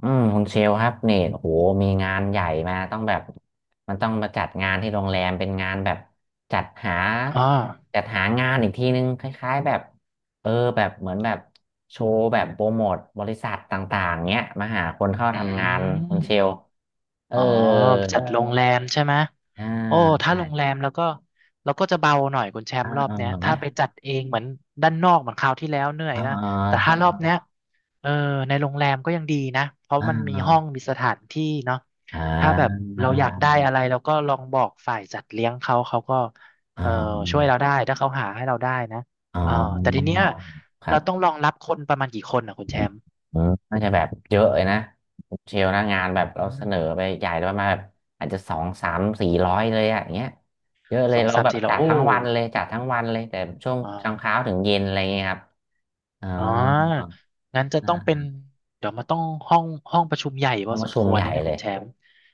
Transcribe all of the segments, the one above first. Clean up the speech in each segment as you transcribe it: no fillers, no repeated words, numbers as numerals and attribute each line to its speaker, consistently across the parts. Speaker 1: อืมคุณเชลครับเนี่ยโอ้โหมีงานใหญ่มาต้องแบบมันต้องมาจัดงานที่โรงแรมเป็นงานแบบจัดหา
Speaker 2: อ๋
Speaker 1: จัดหางานอีกทีนึงคล้ายๆแบบเออแบบเหมือนแบบโชว์แบบโปรโมทบริษัทต่างๆเนี้ยมาหาคนเข้า
Speaker 2: ออ
Speaker 1: ทำ
Speaker 2: ื
Speaker 1: งานคุณ
Speaker 2: ม
Speaker 1: เชลเออ
Speaker 2: อ๋อใช่โรงแรมใช่ไหม
Speaker 1: อ่า
Speaker 2: โอ้ถ้า
Speaker 1: ใช่
Speaker 2: โรงแรมแล้วก็เราก็จะเบาหน่อยคุณแชม
Speaker 1: อ่า
Speaker 2: ป์รอ
Speaker 1: เอ
Speaker 2: บ
Speaker 1: อ
Speaker 2: เนี้ย
Speaker 1: ไหม
Speaker 2: ถ้าไปจัดเองเหมือนด้านนอกเหมือนคราวที่แล้วเหนื่อย
Speaker 1: อ่า
Speaker 2: นะแต่
Speaker 1: แจ
Speaker 2: ถ้ารอ
Speaker 1: ก
Speaker 2: บ
Speaker 1: เลย
Speaker 2: เนี้ยเออในโรงแรมก็ยังดีนะเพราะ
Speaker 1: อ่
Speaker 2: มันมีห้อง
Speaker 1: า
Speaker 2: มีสถานที่เนาะ
Speaker 1: อ่า
Speaker 2: ถ้าแบบ
Speaker 1: อ่า
Speaker 2: เราอยากได้อะไรเราก็ลองบอกฝ่ายจัดเลี้ยงเขาเขาก็
Speaker 1: อ่
Speaker 2: เออช่วย
Speaker 1: า
Speaker 2: เราได้ถ้าเขาหาให้เราได้นะ
Speaker 1: อ๋อ
Speaker 2: เออแต่ทีเนี้ย
Speaker 1: ครั
Speaker 2: เราต้อง
Speaker 1: บ
Speaker 2: รองรับคนประมาณกี่คนอ่ะคุณแชมป์
Speaker 1: อืมน่าจะแบบเยอะเลยนะคุณเชลนะงานแบบเรา
Speaker 2: อื
Speaker 1: เส
Speaker 2: ม
Speaker 1: นอไปใหญ่เลยประมาณแบบอาจจะสองสามสี่ร้อยเลยอะอย่างเงี้ยเยอะเล
Speaker 2: ส
Speaker 1: ย
Speaker 2: อง
Speaker 1: เรา
Speaker 2: สาม
Speaker 1: แบบ
Speaker 2: สี่แล้
Speaker 1: จั
Speaker 2: ว
Speaker 1: ด
Speaker 2: โอ้
Speaker 1: ทั้งวันเลยจัดทั้งวันเลยแต่ช่วง
Speaker 2: อ่
Speaker 1: กลางเช้า
Speaker 2: า
Speaker 1: ถึงเย็นอะไรเงี้ยครับอ๋อ
Speaker 2: อ๋องั้นจะ
Speaker 1: อ่
Speaker 2: ต้องเป็น
Speaker 1: า
Speaker 2: เดี๋ยวมันต้องห้องห้องประชุมใหญ่พ
Speaker 1: ห้อ
Speaker 2: อ
Speaker 1: งป
Speaker 2: ส
Speaker 1: ระ
Speaker 2: ม
Speaker 1: ชุ
Speaker 2: ค
Speaker 1: ม
Speaker 2: วร
Speaker 1: ใหญ่
Speaker 2: นะเนี่ย
Speaker 1: เล
Speaker 2: คุ
Speaker 1: ย
Speaker 2: ณแชมป์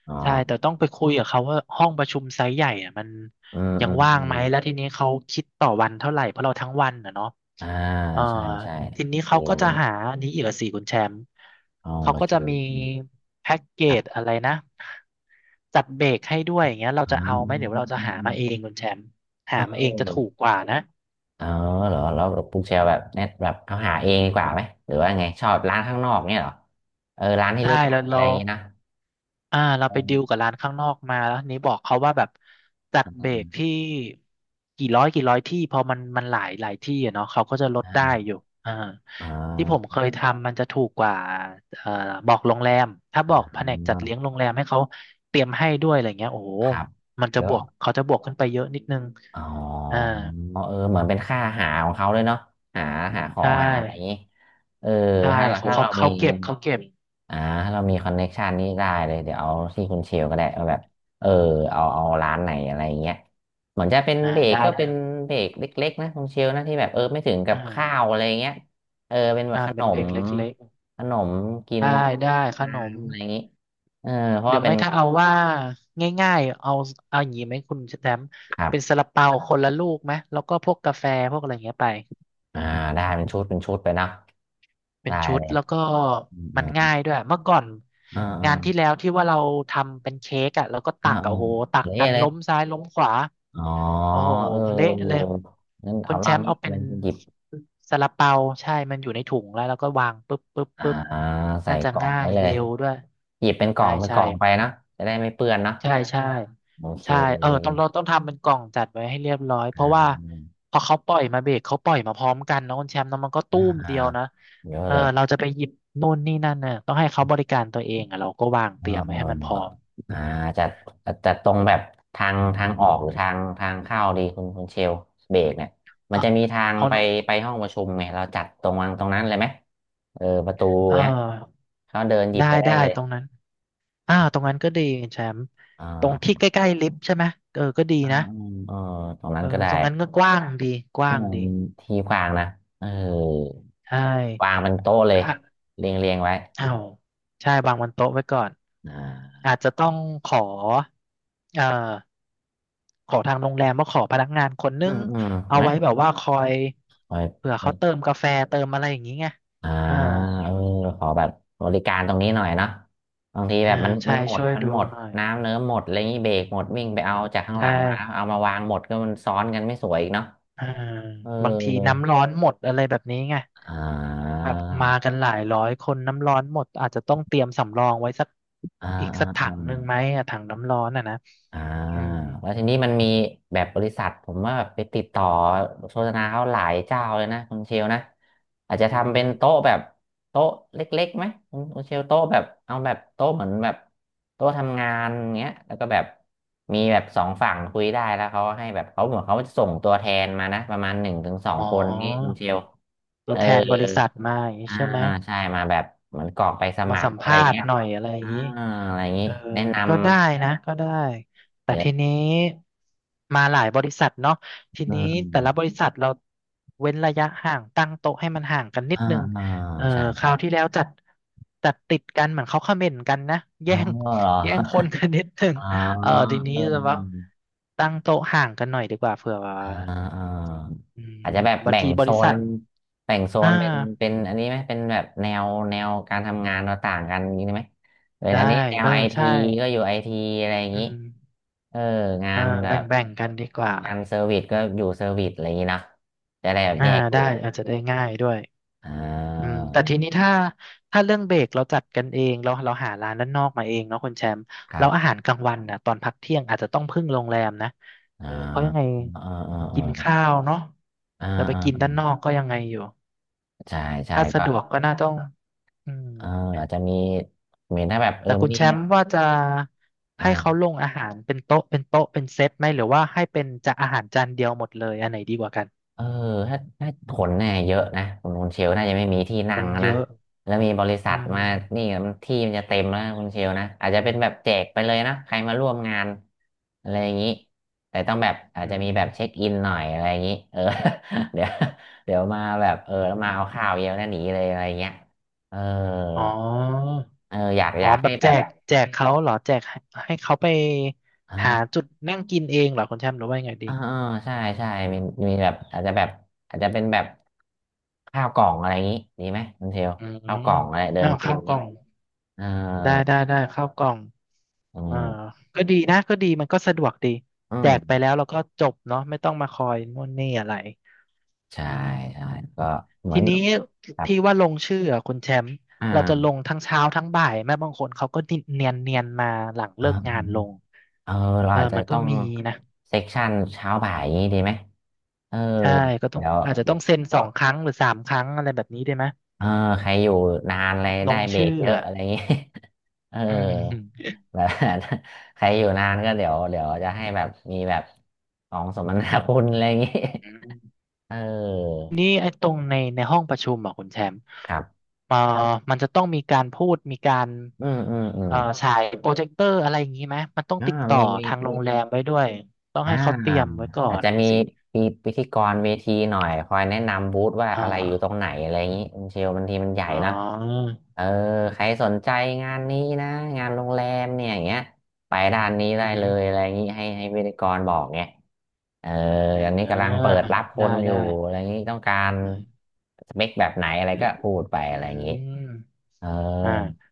Speaker 1: อ๋อ
Speaker 2: ใช่แต่ต้องไปคุยกับเขาว่าห้องประชุมไซส์ใหญ่อ่ะมัน
Speaker 1: อืม
Speaker 2: ยั
Speaker 1: อื
Speaker 2: ง
Speaker 1: ม
Speaker 2: ว่า
Speaker 1: อื
Speaker 2: งไห
Speaker 1: ม
Speaker 2: มแล้วทีนี้เขาคิดต่อวันเท่าไหร่เพราะเราทั้งวันอ่ะเนาะ
Speaker 1: อ่า
Speaker 2: เอ่อ
Speaker 1: ใช่ใช่
Speaker 2: ทีนี้
Speaker 1: โอเค
Speaker 2: เขาก็จะหาอันนี้อีกอะสิคุณแชมป์
Speaker 1: ห้อง
Speaker 2: เขา
Speaker 1: ประ
Speaker 2: ก็จะ
Speaker 1: ชุม
Speaker 2: มีแพ็กเก
Speaker 1: ครั
Speaker 2: จ
Speaker 1: บ
Speaker 2: อะไรนะจัดเบรกให้ด้วยอย่างเงี้ยเรา
Speaker 1: อ๋อ
Speaker 2: จะเอาไหมเดี๋ยว
Speaker 1: อื
Speaker 2: เรา
Speaker 1: ม
Speaker 2: จะ
Speaker 1: อืม
Speaker 2: หา
Speaker 1: อืม
Speaker 2: มาเองคุณแชมป์
Speaker 1: เ
Speaker 2: หามาเองจะถู
Speaker 1: ออ
Speaker 2: กกว่านะ
Speaker 1: เออเหรอแล้วปุ๊กเชลแบบเน็ตแบบเอาหาเองดีกว่าไหมหรือว่าไงชอบร้านข้างนอกเนี่ยเหรอเออร้านที่
Speaker 2: ใช่
Speaker 1: รู้จัก
Speaker 2: แล้ว
Speaker 1: อะไร
Speaker 2: เรา
Speaker 1: อย่างงี้นะ
Speaker 2: อ่าเรา
Speaker 1: เอ
Speaker 2: ไปดิวกั
Speaker 1: อ
Speaker 2: บร้านข้างนอกมาแล้วนี้บอกเขาว่าแบบจัดเบ
Speaker 1: เออ
Speaker 2: รกที่กี่ร้อยที่พอมันหลายหลายที่อะเนาะเขาก็จะลดได้
Speaker 1: เออ
Speaker 2: อยู่อ่า
Speaker 1: เอ
Speaker 2: ที่ผม
Speaker 1: อ
Speaker 2: เคยทำมันจะถูกกว่าเอ่อบอกโรงแรมถ้า
Speaker 1: เอ
Speaker 2: บ
Speaker 1: อ
Speaker 2: อกแผนกจัดเลี้ยงโรงแรมให้เขาเตรียมให้ด้วยอะไรเงี้ยโอ้โห
Speaker 1: ครับ
Speaker 2: มันจะ
Speaker 1: เย
Speaker 2: บ
Speaker 1: อะ
Speaker 2: วกเขาจะบวกขึ้นไปเยอะนิดนึง
Speaker 1: อ๋
Speaker 2: อ่า
Speaker 1: อเออเหมือนเป็นค่าหาของเขาด้วยเนาะหาหาขอ
Speaker 2: ใช่
Speaker 1: งหาอะไรอย่างงี้เออ
Speaker 2: ใช่
Speaker 1: ถ้า
Speaker 2: เขา
Speaker 1: ถ้า
Speaker 2: เขา
Speaker 1: เรามี
Speaker 2: เขาเก็บเขาเก็บ
Speaker 1: อ่าถ้าเรามีคอนเน็กชันนี่ได้เลยเดี๋ยวเอาที่คุณเชลก็ได้เอาแบบเออเอาเอาร้านไหนอะไรอย่างเงี้ยเหมือนจะเป็น
Speaker 2: อ่า
Speaker 1: เบรก
Speaker 2: ได้
Speaker 1: ก็เป็
Speaker 2: เด้อ
Speaker 1: นเบรกเล็กๆนะคุณเชลนะที่แบบไม่ถึงกั
Speaker 2: อ่
Speaker 1: บข้าว
Speaker 2: า
Speaker 1: อะไรอย่างเงี้ยเออเป็นแบบ
Speaker 2: อ่า
Speaker 1: ขน
Speaker 2: เป็นเบร
Speaker 1: ม
Speaker 2: กเล็ก
Speaker 1: ขนมกิ
Speaker 2: ๆ
Speaker 1: น
Speaker 2: ได้
Speaker 1: เล็ก
Speaker 2: ได้ข
Speaker 1: ๆ
Speaker 2: นม
Speaker 1: น้ำอะไรอย่างงี้เออเพ
Speaker 2: ห
Speaker 1: ราะ
Speaker 2: รือ
Speaker 1: ว่าเป็
Speaker 2: ไม่
Speaker 1: น
Speaker 2: ถ้าเอาว่าง่ายๆเอาเอาอย่างนี้ไหมคุณแชมป์
Speaker 1: ครั
Speaker 2: เป็นซา
Speaker 1: บ
Speaker 2: ลาเปาคนละลูกไหมแล้วก็พวกกาแฟพวกอะไรอย่างเงี้ยไป
Speaker 1: อ่าได้เป็นชุดเป็นชุดไปเนาะ
Speaker 2: เป็น
Speaker 1: ได้
Speaker 2: ชุด
Speaker 1: เลย
Speaker 2: แล้วก็
Speaker 1: อื
Speaker 2: มันง่า
Speaker 1: ม
Speaker 2: ยด้วยเมื่อก่อน
Speaker 1: อ่าอ่า
Speaker 2: งานที่แล้วที่ว่าเราทำเป็นเค้กอ่ะแล้วก็
Speaker 1: อ่า
Speaker 2: ตักอะ
Speaker 1: อ่า
Speaker 2: โอ้โหตักกั
Speaker 1: เละ
Speaker 2: น
Speaker 1: เลย
Speaker 2: ล้มซ้ายล้มขวา
Speaker 1: อ๋อ
Speaker 2: โอ้โห
Speaker 1: เอ
Speaker 2: เละเลย
Speaker 1: องั้น
Speaker 2: คุ
Speaker 1: เอา
Speaker 2: ณ
Speaker 1: ร
Speaker 2: แช
Speaker 1: อบ
Speaker 2: มป์
Speaker 1: นี้
Speaker 2: เอา
Speaker 1: เอา
Speaker 2: เป็น
Speaker 1: เป็นหยิบ
Speaker 2: ซาลาเปาใช่มันอยู่ในถุงแล้วแล้วก็วางปุ๊บปุ๊บ
Speaker 1: อ่า
Speaker 2: ปุ๊บ
Speaker 1: ใส่
Speaker 2: น่าจะ
Speaker 1: กล่อง
Speaker 2: ง่า
Speaker 1: ไว้
Speaker 2: ย
Speaker 1: เลย
Speaker 2: เร็วด้วย
Speaker 1: หยิบเป็นกล่อ
Speaker 2: ใช่
Speaker 1: งเป็นก
Speaker 2: ใช่
Speaker 1: ล่องไปเนาะจะได้ไม่เปื้อนเนาะ
Speaker 2: ใช่ใช่
Speaker 1: โอเค
Speaker 2: ใช่เออต้องเราต้องทำเป็นกล่องจัดไว้ให้เรียบร้อยเพ
Speaker 1: อ่
Speaker 2: ราะว่า
Speaker 1: า
Speaker 2: พอเขาปล่อยมาเบรกเขาปล่อยมาพร้อมกันเนอะคุณแชมป์เนอะมันก็
Speaker 1: อ่า
Speaker 2: ตู้ม
Speaker 1: อ่า
Speaker 2: เดียวนะ
Speaker 1: เยอะ
Speaker 2: เออ
Speaker 1: เลย
Speaker 2: เราจะไปหยิบนู่นนี่นั่นเนี่ยต้องให้เขาบริการตัวเองอ่ะเราก็วาง
Speaker 1: เอ
Speaker 2: เต
Speaker 1: อ
Speaker 2: รียมไว้
Speaker 1: เอ
Speaker 2: ให้
Speaker 1: อ
Speaker 2: มันพร้
Speaker 1: เอ
Speaker 2: อ
Speaker 1: อ
Speaker 2: ม
Speaker 1: อ่าจะจะตรงแบบทางออกหรือทางเข้าดีคุณเชลเบรกเนี่ยมัน
Speaker 2: เอา
Speaker 1: จะมีทาง
Speaker 2: เอา
Speaker 1: ไปห้องประชุมไงเราจัดตรงวางตรงนั้นเลยไหมเออประตู
Speaker 2: เออ
Speaker 1: เนี้ยเขาเดินหยิบ
Speaker 2: ได้
Speaker 1: ไปได้
Speaker 2: ได้
Speaker 1: เลย
Speaker 2: ตรงนั้นอ่าตร
Speaker 1: อ่า
Speaker 2: งนั้นก็ดีคุณแชมป์
Speaker 1: อ่
Speaker 2: ตรงที่
Speaker 1: า
Speaker 2: ใกล้ๆลิฟต์ใช่ไหมเออก็ดี
Speaker 1: อ่า
Speaker 2: นะ
Speaker 1: อืมเออตรงนั้
Speaker 2: เอ
Speaker 1: น
Speaker 2: อ
Speaker 1: ก็ได้
Speaker 2: ตรงนั้นก็กว้างดีก
Speaker 1: อื
Speaker 2: ว้าง
Speaker 1: ม
Speaker 2: ดี
Speaker 1: ที่กว้างนะเออ
Speaker 2: ใช่
Speaker 1: วางเป็นโต๊ะเลย
Speaker 2: อ่ะ
Speaker 1: เรียงเรียงไว้
Speaker 2: อ้าวใช่วางบนโต๊ะไว้ก่อน
Speaker 1: อ่า
Speaker 2: อาจจะต้องขอเอ่อขอทางโรงแรมว่าขอพนักงานคนนึ
Speaker 1: อื
Speaker 2: ง
Speaker 1: มอืม
Speaker 2: เอา
Speaker 1: ไหม
Speaker 2: ไว้แบบว่าคอย
Speaker 1: คอ
Speaker 2: เผื่
Speaker 1: ย
Speaker 2: อเขาเติมกาแฟเติมอะไรอย่างนี้ไง
Speaker 1: อ่า
Speaker 2: อ่า
Speaker 1: เออขอแบบบริการตรงนี้หน่อยเนาะบางทีแบ
Speaker 2: อ่า
Speaker 1: บมันมั
Speaker 2: ใช่
Speaker 1: นหมด
Speaker 2: ช่วย
Speaker 1: มัน
Speaker 2: ดู
Speaker 1: หมด
Speaker 2: หน่อย
Speaker 1: น้ำเนื้อหมดอะไรอย่างนี้เบรกหมดวิ่งไปเอาจากข้างห
Speaker 2: ใช่
Speaker 1: ลังมาเอามาวางหมดก็มันซ้อนกันไม่สวยอีกเนาะ
Speaker 2: อ่า
Speaker 1: เออ
Speaker 2: บางทีน้ำร้อนหมดอะไรแบบนี้ไง
Speaker 1: อ่
Speaker 2: แบ
Speaker 1: า
Speaker 2: บมากันหลายร้อยคนน้ำร้อนหมดอาจจะต้องเตรียมสำรองไว้สัก
Speaker 1: อ่า
Speaker 2: อีก
Speaker 1: อ่า
Speaker 2: สักถั
Speaker 1: อ่า
Speaker 2: งหนึ่งไหมอะถังน้ำร้อนอ่ะนะ
Speaker 1: อ่า
Speaker 2: อืม
Speaker 1: แล้วทีนี้มันมีแบบบริษัทผมว่าแบบไปติดต่อโฆษณาเขาหลายเจ้าเลยนะคุณเชลนะอาจจะ
Speaker 2: อือ
Speaker 1: ทำ
Speaker 2: ฮึ
Speaker 1: เป็นโต๊ะแบบโต๊ะเล็กๆไหมคุณเชลโต๊ะแบบเอาแบบโต๊ะเหมือนแบบโต๊ะทำงานอย่างเงี้ยแล้วก็แบบมีแบบสองฝั่งคุยได้แล้วเขาให้แบบเขาเหมือนเขาจะส่งตัวแทนมานะประมาณหนึ่งถึงสอง
Speaker 2: อ๋
Speaker 1: คนนี้คุณ
Speaker 2: อ
Speaker 1: เชล
Speaker 2: ตั
Speaker 1: เอ
Speaker 2: ว
Speaker 1: อ
Speaker 2: แทนบริษัทมาอย่างนี้
Speaker 1: อ่า
Speaker 2: ใช่ไหม
Speaker 1: ใช่มาแบบเหมือนกรอกไปส
Speaker 2: มา
Speaker 1: มัค
Speaker 2: สั
Speaker 1: ร
Speaker 2: ม
Speaker 1: อะไร
Speaker 2: ภาษณ์
Speaker 1: เงี้ย
Speaker 2: หน่อยอะไรอย่า
Speaker 1: อ่า
Speaker 2: งนี้
Speaker 1: อะไรอย่างงี้
Speaker 2: เออ
Speaker 1: แนะนำ
Speaker 2: ก็ได้นะก็ได้ แต่
Speaker 1: เดี๋ย
Speaker 2: ทีนี้มาหลายบริษัทเนาะทีนี้แต่ละบ
Speaker 1: ว
Speaker 2: ริษัทเราเว้นระยะห่างตั้งโต๊ะให้มันห่างกันนิด
Speaker 1: อ่า
Speaker 2: นึง
Speaker 1: อ่า
Speaker 2: เออ
Speaker 1: ใช่
Speaker 2: ค
Speaker 1: ใช่
Speaker 2: ราวที่แล้วจัดติดกันเหมือนเขาเขม่นกันนะ
Speaker 1: อ๋
Speaker 2: แย่
Speaker 1: อ
Speaker 2: ง
Speaker 1: เหรอ
Speaker 2: แย่งคนกันนิดนึง
Speaker 1: อ๋อ
Speaker 2: เออทีนี้
Speaker 1: เอ
Speaker 2: จะว่า
Speaker 1: อ
Speaker 2: ตั้งโต๊ะห่างกันหน่อยดีกว่าเผื่อว่า
Speaker 1: อ่าอ่า
Speaker 2: อืม
Speaker 1: อาจจะแบบ
Speaker 2: บาง
Speaker 1: แบ่ง
Speaker 2: ทีบ
Speaker 1: โซ
Speaker 2: ริ
Speaker 1: น
Speaker 2: ษัท
Speaker 1: แบ่งโซ
Speaker 2: อ่า
Speaker 1: นเป็นเป็นอันนี้ไหมเป็นแบบแนวการทำงานเราต่างกันอย่างนี้ไหมเป็น
Speaker 2: ได้
Speaker 1: อันนี้แนว
Speaker 2: เออ
Speaker 1: ไอที
Speaker 2: ใช่
Speaker 1: ก็อยู่ไอทีอะไรอย่าง
Speaker 2: อื
Speaker 1: นี้
Speaker 2: ม
Speaker 1: เอองา
Speaker 2: อ่า
Speaker 1: นแบ
Speaker 2: แบ่
Speaker 1: บ
Speaker 2: งแบ่งกันดีกว่า
Speaker 1: งานเซอร์วิสก็อยู่เซอร์วิสอะไรอย่างนี้นะจะได้แบบ
Speaker 2: อ่า
Speaker 1: แยกก
Speaker 2: ได้
Speaker 1: ลุ่ม
Speaker 2: อาจจะได้ง่ายด้วย
Speaker 1: อ่
Speaker 2: อืม
Speaker 1: า
Speaker 2: แต่ทีนี้ถ้าถ้าเรื่องเบรกเราจัดกันเองเราหาร้านด้านนอกมาเองเนาะคุณแชมป์
Speaker 1: ค
Speaker 2: แล้
Speaker 1: รั
Speaker 2: วอาหาร
Speaker 1: บ
Speaker 2: กลางวันนะตอนพักเที่ยงอาจจะต้องพึ่งโรงแรมนะ
Speaker 1: อ่า
Speaker 2: เออเพราะยังไง
Speaker 1: เออเออาอ
Speaker 2: กินข้า
Speaker 1: อ
Speaker 2: วเนาะ
Speaker 1: อ่า
Speaker 2: เราไป
Speaker 1: อ่า
Speaker 2: กิน
Speaker 1: อ่า
Speaker 2: ด้านนอกก็ยังไงอยู่
Speaker 1: ใช่ใช่
Speaker 2: ถ้า
Speaker 1: ก็
Speaker 2: สะดวกก็น่าต้องอืม
Speaker 1: เอออาจจะมีเหมือนถ้าแบบเออ
Speaker 2: แต่คุณ
Speaker 1: มี
Speaker 2: แชมป์ว่าจะให้เขา
Speaker 1: อ่า
Speaker 2: ลงอาหารเป็นโต๊ะเป็นเซตไหมหรือว่าให้เป็นจะอาหารจานเดียวหมดเลยอันไหนดีกว่ากัน
Speaker 1: เออถ้าถ้าขนเนี่ยเยอะนะคุณเชลน่าจะไม่มีที่
Speaker 2: ค
Speaker 1: นั่ง
Speaker 2: น
Speaker 1: แล้ว
Speaker 2: เย
Speaker 1: นะ
Speaker 2: อะ
Speaker 1: แล้วมีบริษั
Speaker 2: อื
Speaker 1: ท
Speaker 2: ม
Speaker 1: มานี่มันที่มันจะเต็มแล้วนะคุณเชลนะอาจจะเป็นแบบแจกไปเลยนะใครมาร่วมงานอะไรอย่างนี้แต่ต้องแบบอาจ
Speaker 2: อื
Speaker 1: จะมีแบบ
Speaker 2: ม
Speaker 1: เช็คอินหน่อยอะไรอย่างนี้เออ เดี๋ยวเดี๋ยวมาแบบเออแล้วมาเอาข้าวเยอะแล้วหนีเลยอะไรเงี้ยเออ
Speaker 2: อ๋อ
Speaker 1: เอออยาก
Speaker 2: อ๋
Speaker 1: อ
Speaker 2: อ
Speaker 1: ยาก
Speaker 2: แบ
Speaker 1: ให้
Speaker 2: บ
Speaker 1: แบบ
Speaker 2: แจกเขาเหรอแจกให้ให้เขาไป
Speaker 1: เอ
Speaker 2: หา
Speaker 1: อ
Speaker 2: จุดนั่งกินเองเหรอคุณแชมป์หรือว่ายังไงดี
Speaker 1: อ่าใช่ใช่มีมีแบบอาจจะแบบอาจจะเป็นแบบข้าวกล่องอะไรอย่างนี้ดีไหมคุณเทล
Speaker 2: อื
Speaker 1: ข้าวก
Speaker 2: ม
Speaker 1: ล่องอะไรเดิ
Speaker 2: อ้า
Speaker 1: น
Speaker 2: ว
Speaker 1: กิ
Speaker 2: ข้า
Speaker 1: น
Speaker 2: วก
Speaker 1: นี้
Speaker 2: ล่อง
Speaker 1: เออ
Speaker 2: ได้ข้าวกล่อง
Speaker 1: เอื
Speaker 2: เอ่า
Speaker 1: ม
Speaker 2: ก็ดีนะก็ดีมันก็สะดวกดี
Speaker 1: อื
Speaker 2: แจกไป
Speaker 1: ม
Speaker 2: แล้วแล้วก็จบเนาะไม่ต้องมาคอยนู่นนี่อะไร
Speaker 1: ใช่
Speaker 2: อื
Speaker 1: ใช่
Speaker 2: ม
Speaker 1: ก็เหมือ
Speaker 2: ที
Speaker 1: น
Speaker 2: นี้
Speaker 1: แบบ
Speaker 2: ที่ว่าลงชื่ออะคุณแชมป์เราจะล
Speaker 1: อ่า
Speaker 2: งทั้งเช้าทั้งบ่ายแม่บางคนเขาก็เนียนมาหลัง
Speaker 1: อ่
Speaker 2: เลิกงานลง
Speaker 1: าเออเรา
Speaker 2: เออ
Speaker 1: อาจจะ
Speaker 2: มันก็
Speaker 1: ต้อง
Speaker 2: มีนะ
Speaker 1: เซ็กชันเช้าบ่ายอย่างนี้ดีไหมเออ
Speaker 2: ใช่ก็ต้อง
Speaker 1: เดี๋ยว
Speaker 2: อาจจะ
Speaker 1: เดี๋
Speaker 2: ต้อ
Speaker 1: ยว
Speaker 2: งเซ็น 2 ครั้งหรือ 3 ครั้งอะไรแบบนี้ได้ไหม
Speaker 1: เออใครอยู่นานอะไร
Speaker 2: ล
Speaker 1: ได้
Speaker 2: ง
Speaker 1: เบร
Speaker 2: ชื่อ
Speaker 1: กเยอะ
Speaker 2: อ่ะ
Speaker 1: อะไรอย่างนี้ เออ
Speaker 2: อืม
Speaker 1: แบบ ใครอยู่นานก็เดี๋ยวเดี๋ยวจะให้แบบมีแบบของสมนาคุณ อะไรอย่างงี้
Speaker 2: อืม
Speaker 1: เออ
Speaker 2: นี่ไอ้ตรงในห้องประชุมอ่ะคุณแชมป์
Speaker 1: ครับ
Speaker 2: เอ่อมันจะต้องมีการพูดมีการ
Speaker 1: อืมอืมอืม
Speaker 2: ฉายโปรเจคเตอร์อะไรอย่างนี้ไหมมันต้อง
Speaker 1: อ่า
Speaker 2: ติดต่อ
Speaker 1: มี
Speaker 2: ทางโร
Speaker 1: มี
Speaker 2: งแรมไว้ด้วยต้อง
Speaker 1: อ่า
Speaker 2: ให้เขาเตรียมไว้ก่อ
Speaker 1: อาจ
Speaker 2: น
Speaker 1: จะมี
Speaker 2: สิ
Speaker 1: พิธีกรเวทีหน่อยคอยแนะนำบูธว่า
Speaker 2: อ่
Speaker 1: อะไรอยู่ตรง
Speaker 2: า
Speaker 1: ไหนอะไรอย่างนี้มันเชลบางทีมันใหญ่
Speaker 2: อ๋อ
Speaker 1: นะเออใครสนใจงา
Speaker 2: อื
Speaker 1: น
Speaker 2: ม
Speaker 1: นี้นะงานโรงแรมเนี่ยอย่างเงี้ยไปด้านนี้
Speaker 2: อื
Speaker 1: ได้
Speaker 2: มอหื
Speaker 1: เล
Speaker 2: อ
Speaker 1: ยอะไรอย่างนี้ให้พิธีกรบอกเงี้ยเออ
Speaker 2: อ่
Speaker 1: อันนี้กำลัง
Speaker 2: า
Speaker 1: เปิดรับค
Speaker 2: ได้
Speaker 1: นอยู่
Speaker 2: ได้
Speaker 1: อะไรอย่างนี้ต้องการ
Speaker 2: อืม
Speaker 1: สเปคแบบไหนอะไรก็พูดไป
Speaker 2: อื
Speaker 1: อะไรอย่างนี้
Speaker 2: ม
Speaker 1: เออ
Speaker 2: อ่า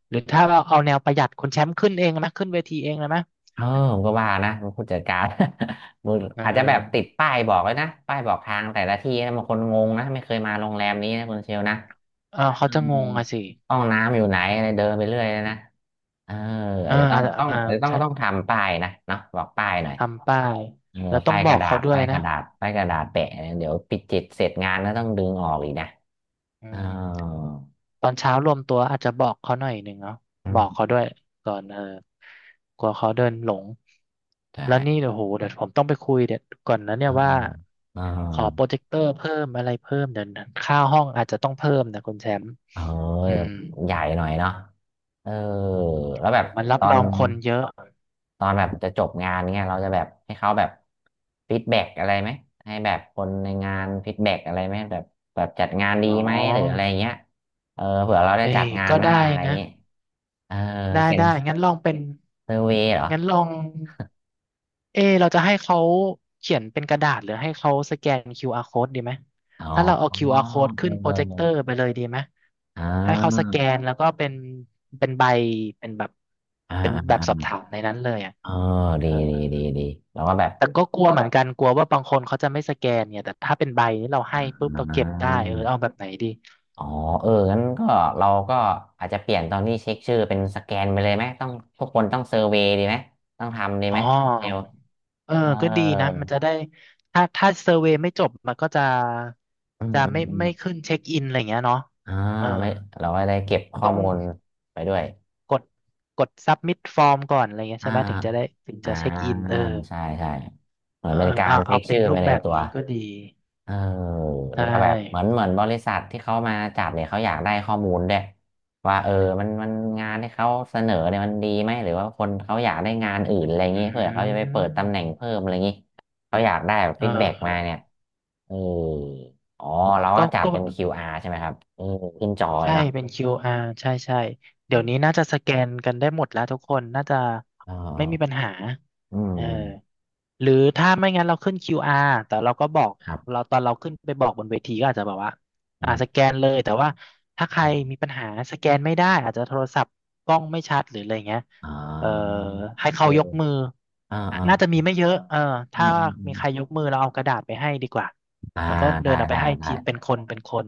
Speaker 2: หรือถ้าเราเอาแนวประหยัดคนแชมป์ขึ้นเองไหมขึ้นเวทีเองเลยไหม
Speaker 1: เออผมก็ว่านะผู้จัดการ มึง
Speaker 2: เอ
Speaker 1: อาจจะแบบติด
Speaker 2: อ
Speaker 1: ป้ายบอกเลยนะป้ายบอกทางแต่ละที่นะบางคนงงนะไม่เคยมาโรงแรมนี้นะคุณเชลนะ
Speaker 2: เออเขา
Speaker 1: เออ
Speaker 2: จะงงอะสิ
Speaker 1: ห้องน้ำอยู่ไหนอะไรเดินไปเรื่อยเลยนะเออ
Speaker 2: เอ
Speaker 1: อา
Speaker 2: อ
Speaker 1: จจะต้อ
Speaker 2: อ่า
Speaker 1: งต้อง
Speaker 2: อ่า
Speaker 1: อาจจะต้อง
Speaker 2: ใช่
Speaker 1: ต้องทำป้ายนะเนาะบอกป้ายหน่อย
Speaker 2: ทำป้าย
Speaker 1: เออ
Speaker 2: แล้วต้อง
Speaker 1: ป้าย
Speaker 2: บ
Speaker 1: ก
Speaker 2: อก
Speaker 1: ระดา
Speaker 2: เขา
Speaker 1: ษ
Speaker 2: ด้วย
Speaker 1: ป้ายก
Speaker 2: นะ
Speaker 1: ระดาษป้ายกระดาษแปะเนี่ยเดี๋ยวปิดจิตเสร็จงานก็ต้องดึงออกอีกนะ
Speaker 2: อื
Speaker 1: เออ
Speaker 2: มตอนเช้ารวมตัวอาจจะบอกเขาหน่อยหนึ่งเนาะบอกเขาด้วยก่อนเออกลัวเขาเดินหลง
Speaker 1: ใช่
Speaker 2: แล้วนี่เดี๋ยวโหเดี๋ยวผมต้องไปคุยเดี๋ยวก่อนนะเนี่
Speaker 1: อ
Speaker 2: ยว่า
Speaker 1: เอ
Speaker 2: ขอโปร
Speaker 1: อ
Speaker 2: เจคเตอร์เพิ่มอะไรเพิ่มเดี๋ยวนะค่าห้องอาจจะต้องเพิ่มนะคุณแชมป์
Speaker 1: เ
Speaker 2: อื
Speaker 1: อ
Speaker 2: ม
Speaker 1: อใหญ่หน่อยเนาะเออแล้ว
Speaker 2: โห
Speaker 1: แบบ
Speaker 2: มันรั
Speaker 1: ต
Speaker 2: บ
Speaker 1: อ
Speaker 2: ร
Speaker 1: น
Speaker 2: องคนเยอะ
Speaker 1: ตอนแบบจะจบงานเงี้ยเราจะแบบให้เขาแบบฟีดแบ็กอะไรไหมให้แบบคนในงานฟีดแบ็กอะไรไหมแบบแบบจัดงานดี
Speaker 2: อ๋อ
Speaker 1: ไหมหรืออะไรเงี้ยเออเผื่อเราได้
Speaker 2: เอ้
Speaker 1: จั
Speaker 2: ย
Speaker 1: ดงาน
Speaker 2: ก็
Speaker 1: หน้า
Speaker 2: ได้
Speaker 1: อะไร
Speaker 2: นะ
Speaker 1: เงี้ยเออ
Speaker 2: ได้
Speaker 1: เขียน
Speaker 2: ได้งั้นลองเป็น
Speaker 1: เซอร์เวย์เหรอ
Speaker 2: งั้นลองเอเราจะให้เขาเขียนเป็นกระดาษหรือให้เขาสแกน QR code ดีไหม
Speaker 1: อ๋
Speaker 2: ถ้าเราเอา
Speaker 1: อเ
Speaker 2: QR code ขึ้นโปรเจค
Speaker 1: อ
Speaker 2: เตอ
Speaker 1: อ
Speaker 2: ร์ไปเลยดีไหม
Speaker 1: อ่
Speaker 2: ให้เขาส
Speaker 1: า
Speaker 2: แกนแล้วก็เป็นเป็นใบเป็นแบบ
Speaker 1: อ่า
Speaker 2: เป็น
Speaker 1: อ่า
Speaker 2: แบบ
Speaker 1: อ่า
Speaker 2: สอบถามในนั้นเลยอ่ะ
Speaker 1: เออ
Speaker 2: เอ
Speaker 1: ดี
Speaker 2: อ
Speaker 1: ดีดีดีเราก็แบบ
Speaker 2: แต่ก็กลัวเหมือนกัน กลัวว่าบางคนเขาจะไม่สแกนเนี่ย แต่ถ้าเป็นใบนี้เรา
Speaker 1: อ
Speaker 2: ให้ปุ๊บเรา
Speaker 1: ่
Speaker 2: เก็บได้เออ
Speaker 1: า
Speaker 2: เอาแบบไหนดี
Speaker 1: อ๋อเอองั้นก็เราก็อาจจะเปลี่ยนตอนที่เช็คชื่อเป็นสแกนไปเลยไหมต้องทุกคนต้องเซอร์เวย์ดีไหมต้องทำดี
Speaker 2: อ๋อ
Speaker 1: ไหมเดี๋ยว
Speaker 2: เออ
Speaker 1: เออ
Speaker 2: ก็ดีนะ มันจะได้ ถ้าเซอร์เวย์ไม่จบ มันก็จะ
Speaker 1: อืม
Speaker 2: จะ
Speaker 1: อืม
Speaker 2: ไม่
Speaker 1: อืม
Speaker 2: ไม่ขึ้นเช็คอินอะไรอย่างเงี้ยเนาะ
Speaker 1: อ่า
Speaker 2: เออ
Speaker 1: ไม่เราก็ได้เก็บข้อ
Speaker 2: ต้อง
Speaker 1: มูลไปด้วย
Speaker 2: กดกดซับมิ ฟอร์มก่อนอะไรเงี้ย
Speaker 1: อ่า
Speaker 2: ใช่ไหมถึงจะได้ถึง
Speaker 1: อ่า
Speaker 2: จะเช็คอินเออ
Speaker 1: ใช่ใช่เหมือน
Speaker 2: เออ
Speaker 1: เป็นการ
Speaker 2: เอา
Speaker 1: เช็
Speaker 2: เอา
Speaker 1: ค
Speaker 2: เป็
Speaker 1: ชื่
Speaker 2: น
Speaker 1: อ
Speaker 2: รู
Speaker 1: ไป
Speaker 2: ป
Speaker 1: ใน
Speaker 2: แบบ
Speaker 1: ตัว
Speaker 2: นี้ก็ดี
Speaker 1: เออ
Speaker 2: ใช
Speaker 1: แล้วก็แบบเหมือน
Speaker 2: ่
Speaker 1: เหมือนบริษัทที่เขามาจัดเนี่ยเขาอยากได้ข้อมูลด้วยว่าเออมันงานที่เขาเสนอเนี่ยมันดีไหมหรือว่าคนเขาอยากได้งานอื่นอะไรอย่าง
Speaker 2: อื
Speaker 1: งี้เผื่อเขาจะไปเปิดตำแหน่ง
Speaker 2: ม
Speaker 1: เพิ่มอะไรอย่างงี้เขาอยากได้แบบ
Speaker 2: เอ
Speaker 1: ฟี
Speaker 2: อ
Speaker 1: ดแบ็ก
Speaker 2: เออ
Speaker 1: มาเนี่ยเอออ๋อเราก็
Speaker 2: ก็
Speaker 1: จัด
Speaker 2: ก็
Speaker 1: เป็นคิวอาร ใช่ไหมครับเออขึ้นจอเลย
Speaker 2: ใช่
Speaker 1: เนาะ
Speaker 2: เป็น QR ใช่ใช่
Speaker 1: อื
Speaker 2: เดี๋ยวนี้
Speaker 1: ม
Speaker 2: น่าจะสแกนกันได้หมดแล้วทุกคน น่าจะไม่มีปัญ
Speaker 1: ออ
Speaker 2: หา
Speaker 1: อื
Speaker 2: เออ
Speaker 1: ม
Speaker 2: หรือถ้าไม่งั้นเราขึ้น QR แต่เราก็บอก
Speaker 1: ครับ
Speaker 2: เราตอนเราขึ้นไปบอกบนเวทีก็อาจจะแบบว่า
Speaker 1: อื
Speaker 2: อ่า
Speaker 1: ม
Speaker 2: สแกนเลยแต่ว่าถ้าใคร
Speaker 1: ใช่
Speaker 2: มีปัญหาสแกนไม่ได้อาจจะโทรศัพท์กล้องไม่ชัดหรืออะไรเงี้ย
Speaker 1: อ๋
Speaker 2: เอ่อ
Speaker 1: อ
Speaker 2: ให้
Speaker 1: เอ
Speaker 2: เขายก
Speaker 1: อ
Speaker 2: มือ
Speaker 1: อ่าอ่า
Speaker 2: น่าจะมีไม่เยอะเออ
Speaker 1: อื
Speaker 2: ถ้า
Speaker 1: มอืมอื
Speaker 2: มี
Speaker 1: ม
Speaker 2: ใครยกมือเราเอากระดาษไปให้ดีกว่า
Speaker 1: อ่า
Speaker 2: แล้วก็เดิ
Speaker 1: ได้
Speaker 2: นเอาไป
Speaker 1: ได้
Speaker 2: ให้
Speaker 1: ได้
Speaker 2: ทีเป็นคนเป็นคน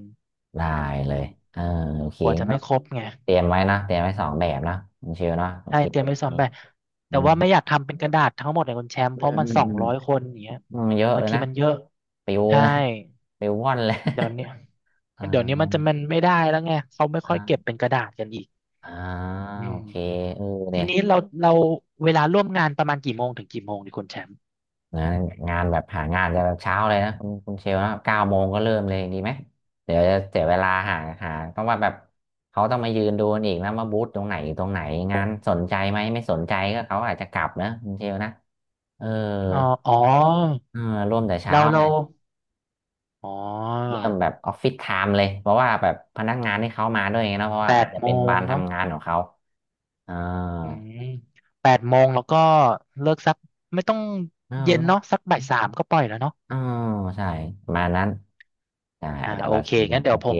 Speaker 1: ได้
Speaker 2: อื
Speaker 1: เลย
Speaker 2: ม
Speaker 1: เออโอเค
Speaker 2: กลัวจะ
Speaker 1: ก็
Speaker 2: ไม่ครบไง
Speaker 1: เตรียมไว้นะ เตรียมไว้สองแบบนะคุณเชวเนาะโอ
Speaker 2: ใช่
Speaker 1: เค
Speaker 2: เตรียมไว้ซ้อมแบบแต่
Speaker 1: อื
Speaker 2: ว่าไม่อยาก
Speaker 1: ม
Speaker 2: ทำเป็นกระดาษทั้งหมดเลยคุณแชมป์
Speaker 1: อื
Speaker 2: เพราะ
Speaker 1: ม
Speaker 2: มัน
Speaker 1: อืม
Speaker 2: สอ
Speaker 1: อื
Speaker 2: ง
Speaker 1: ม
Speaker 2: ร้อยคนอย่างเงี้ย
Speaker 1: อืมเยอะ
Speaker 2: บา
Speaker 1: เล
Speaker 2: ง
Speaker 1: ย
Speaker 2: ที
Speaker 1: นะ
Speaker 2: มันเยอะ
Speaker 1: ปิว
Speaker 2: ใช่
Speaker 1: นะปิวว่อนเลย
Speaker 2: เดี๋ยวเนี้ย
Speaker 1: อ่า
Speaker 2: เดี๋ยวนี้มันจะมันไม่ได้แล้วไงเขาไม่ค่อ
Speaker 1: อ่า
Speaker 2: ยเก็บเป็นกระดาษกันอีก
Speaker 1: อ่า
Speaker 2: อื
Speaker 1: โอ
Speaker 2: ม
Speaker 1: เคเออ
Speaker 2: ที
Speaker 1: เนี่ย
Speaker 2: นี้เราเวลาร่วมงานประมาณกี่โมงถึงกี่โมงดีคุณแชมป์
Speaker 1: นะงานแบบหางานจะแบบเช้าเลยนะคุณคุณเชลนะ9 โมงก็เริ่มเลยดีไหมเดี๋ยวจะเสียเวลาหาต้องว่าแบบเขาต้องมายืนดูกันอีกนะว่าบูธตรงไหนอยู่ตรงไหนงานสนใจไหมไม่สนใจก็เขาอาจจะกลับนะคุณเชลนะเออ
Speaker 2: อ๋ออ๋อ
Speaker 1: เออร่วมแต่เช้า
Speaker 2: เรา
Speaker 1: เล
Speaker 2: เรา
Speaker 1: ย
Speaker 2: อ๋อ
Speaker 1: เริ่มแบบออฟฟิศไทม์เลยเพราะว่าแบบพนักงานที่เขามาด้วยไงเนอะเพราะ
Speaker 2: แป
Speaker 1: ว่าอาจ
Speaker 2: ด
Speaker 1: จะ
Speaker 2: โม
Speaker 1: เป็น
Speaker 2: ง
Speaker 1: บาน
Speaker 2: เนาะ
Speaker 1: ทำงานของเขาอ่า
Speaker 2: อืมแปดโมงแล้วก็เลิกสักไม่ต้อง
Speaker 1: อ่
Speaker 2: เย็นเนาะ
Speaker 1: า
Speaker 2: สักบ่าย 3ก็ปล่อยแล้วเนาะ
Speaker 1: อ่าใช่ประมาณนั้นใช่
Speaker 2: อ่า
Speaker 1: อาจจะ
Speaker 2: โอ
Speaker 1: แบบ
Speaker 2: เคงั้นเดี๋
Speaker 1: โอ
Speaker 2: ยวผ
Speaker 1: เค
Speaker 2: ม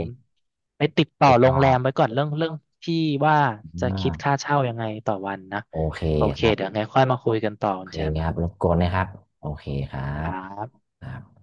Speaker 2: ไปติดต่อ
Speaker 1: ติด
Speaker 2: โร
Speaker 1: ต่อ
Speaker 2: งแรมไว้ก่อนเรื่องที่ว่าจะคิ
Speaker 1: อ่า
Speaker 2: ดค่าเช่ายังไงต่อวันนะ
Speaker 1: โอเค
Speaker 2: โอเค
Speaker 1: ครั
Speaker 2: เดี๋ย
Speaker 1: บ
Speaker 2: วไงค่อยมาคุยกันต่อ
Speaker 1: โอ
Speaker 2: คุณ
Speaker 1: เค
Speaker 2: แชม
Speaker 1: ครับรบกวนนะครับโอเคครั
Speaker 2: ค
Speaker 1: บ
Speaker 2: รับ
Speaker 1: ครับ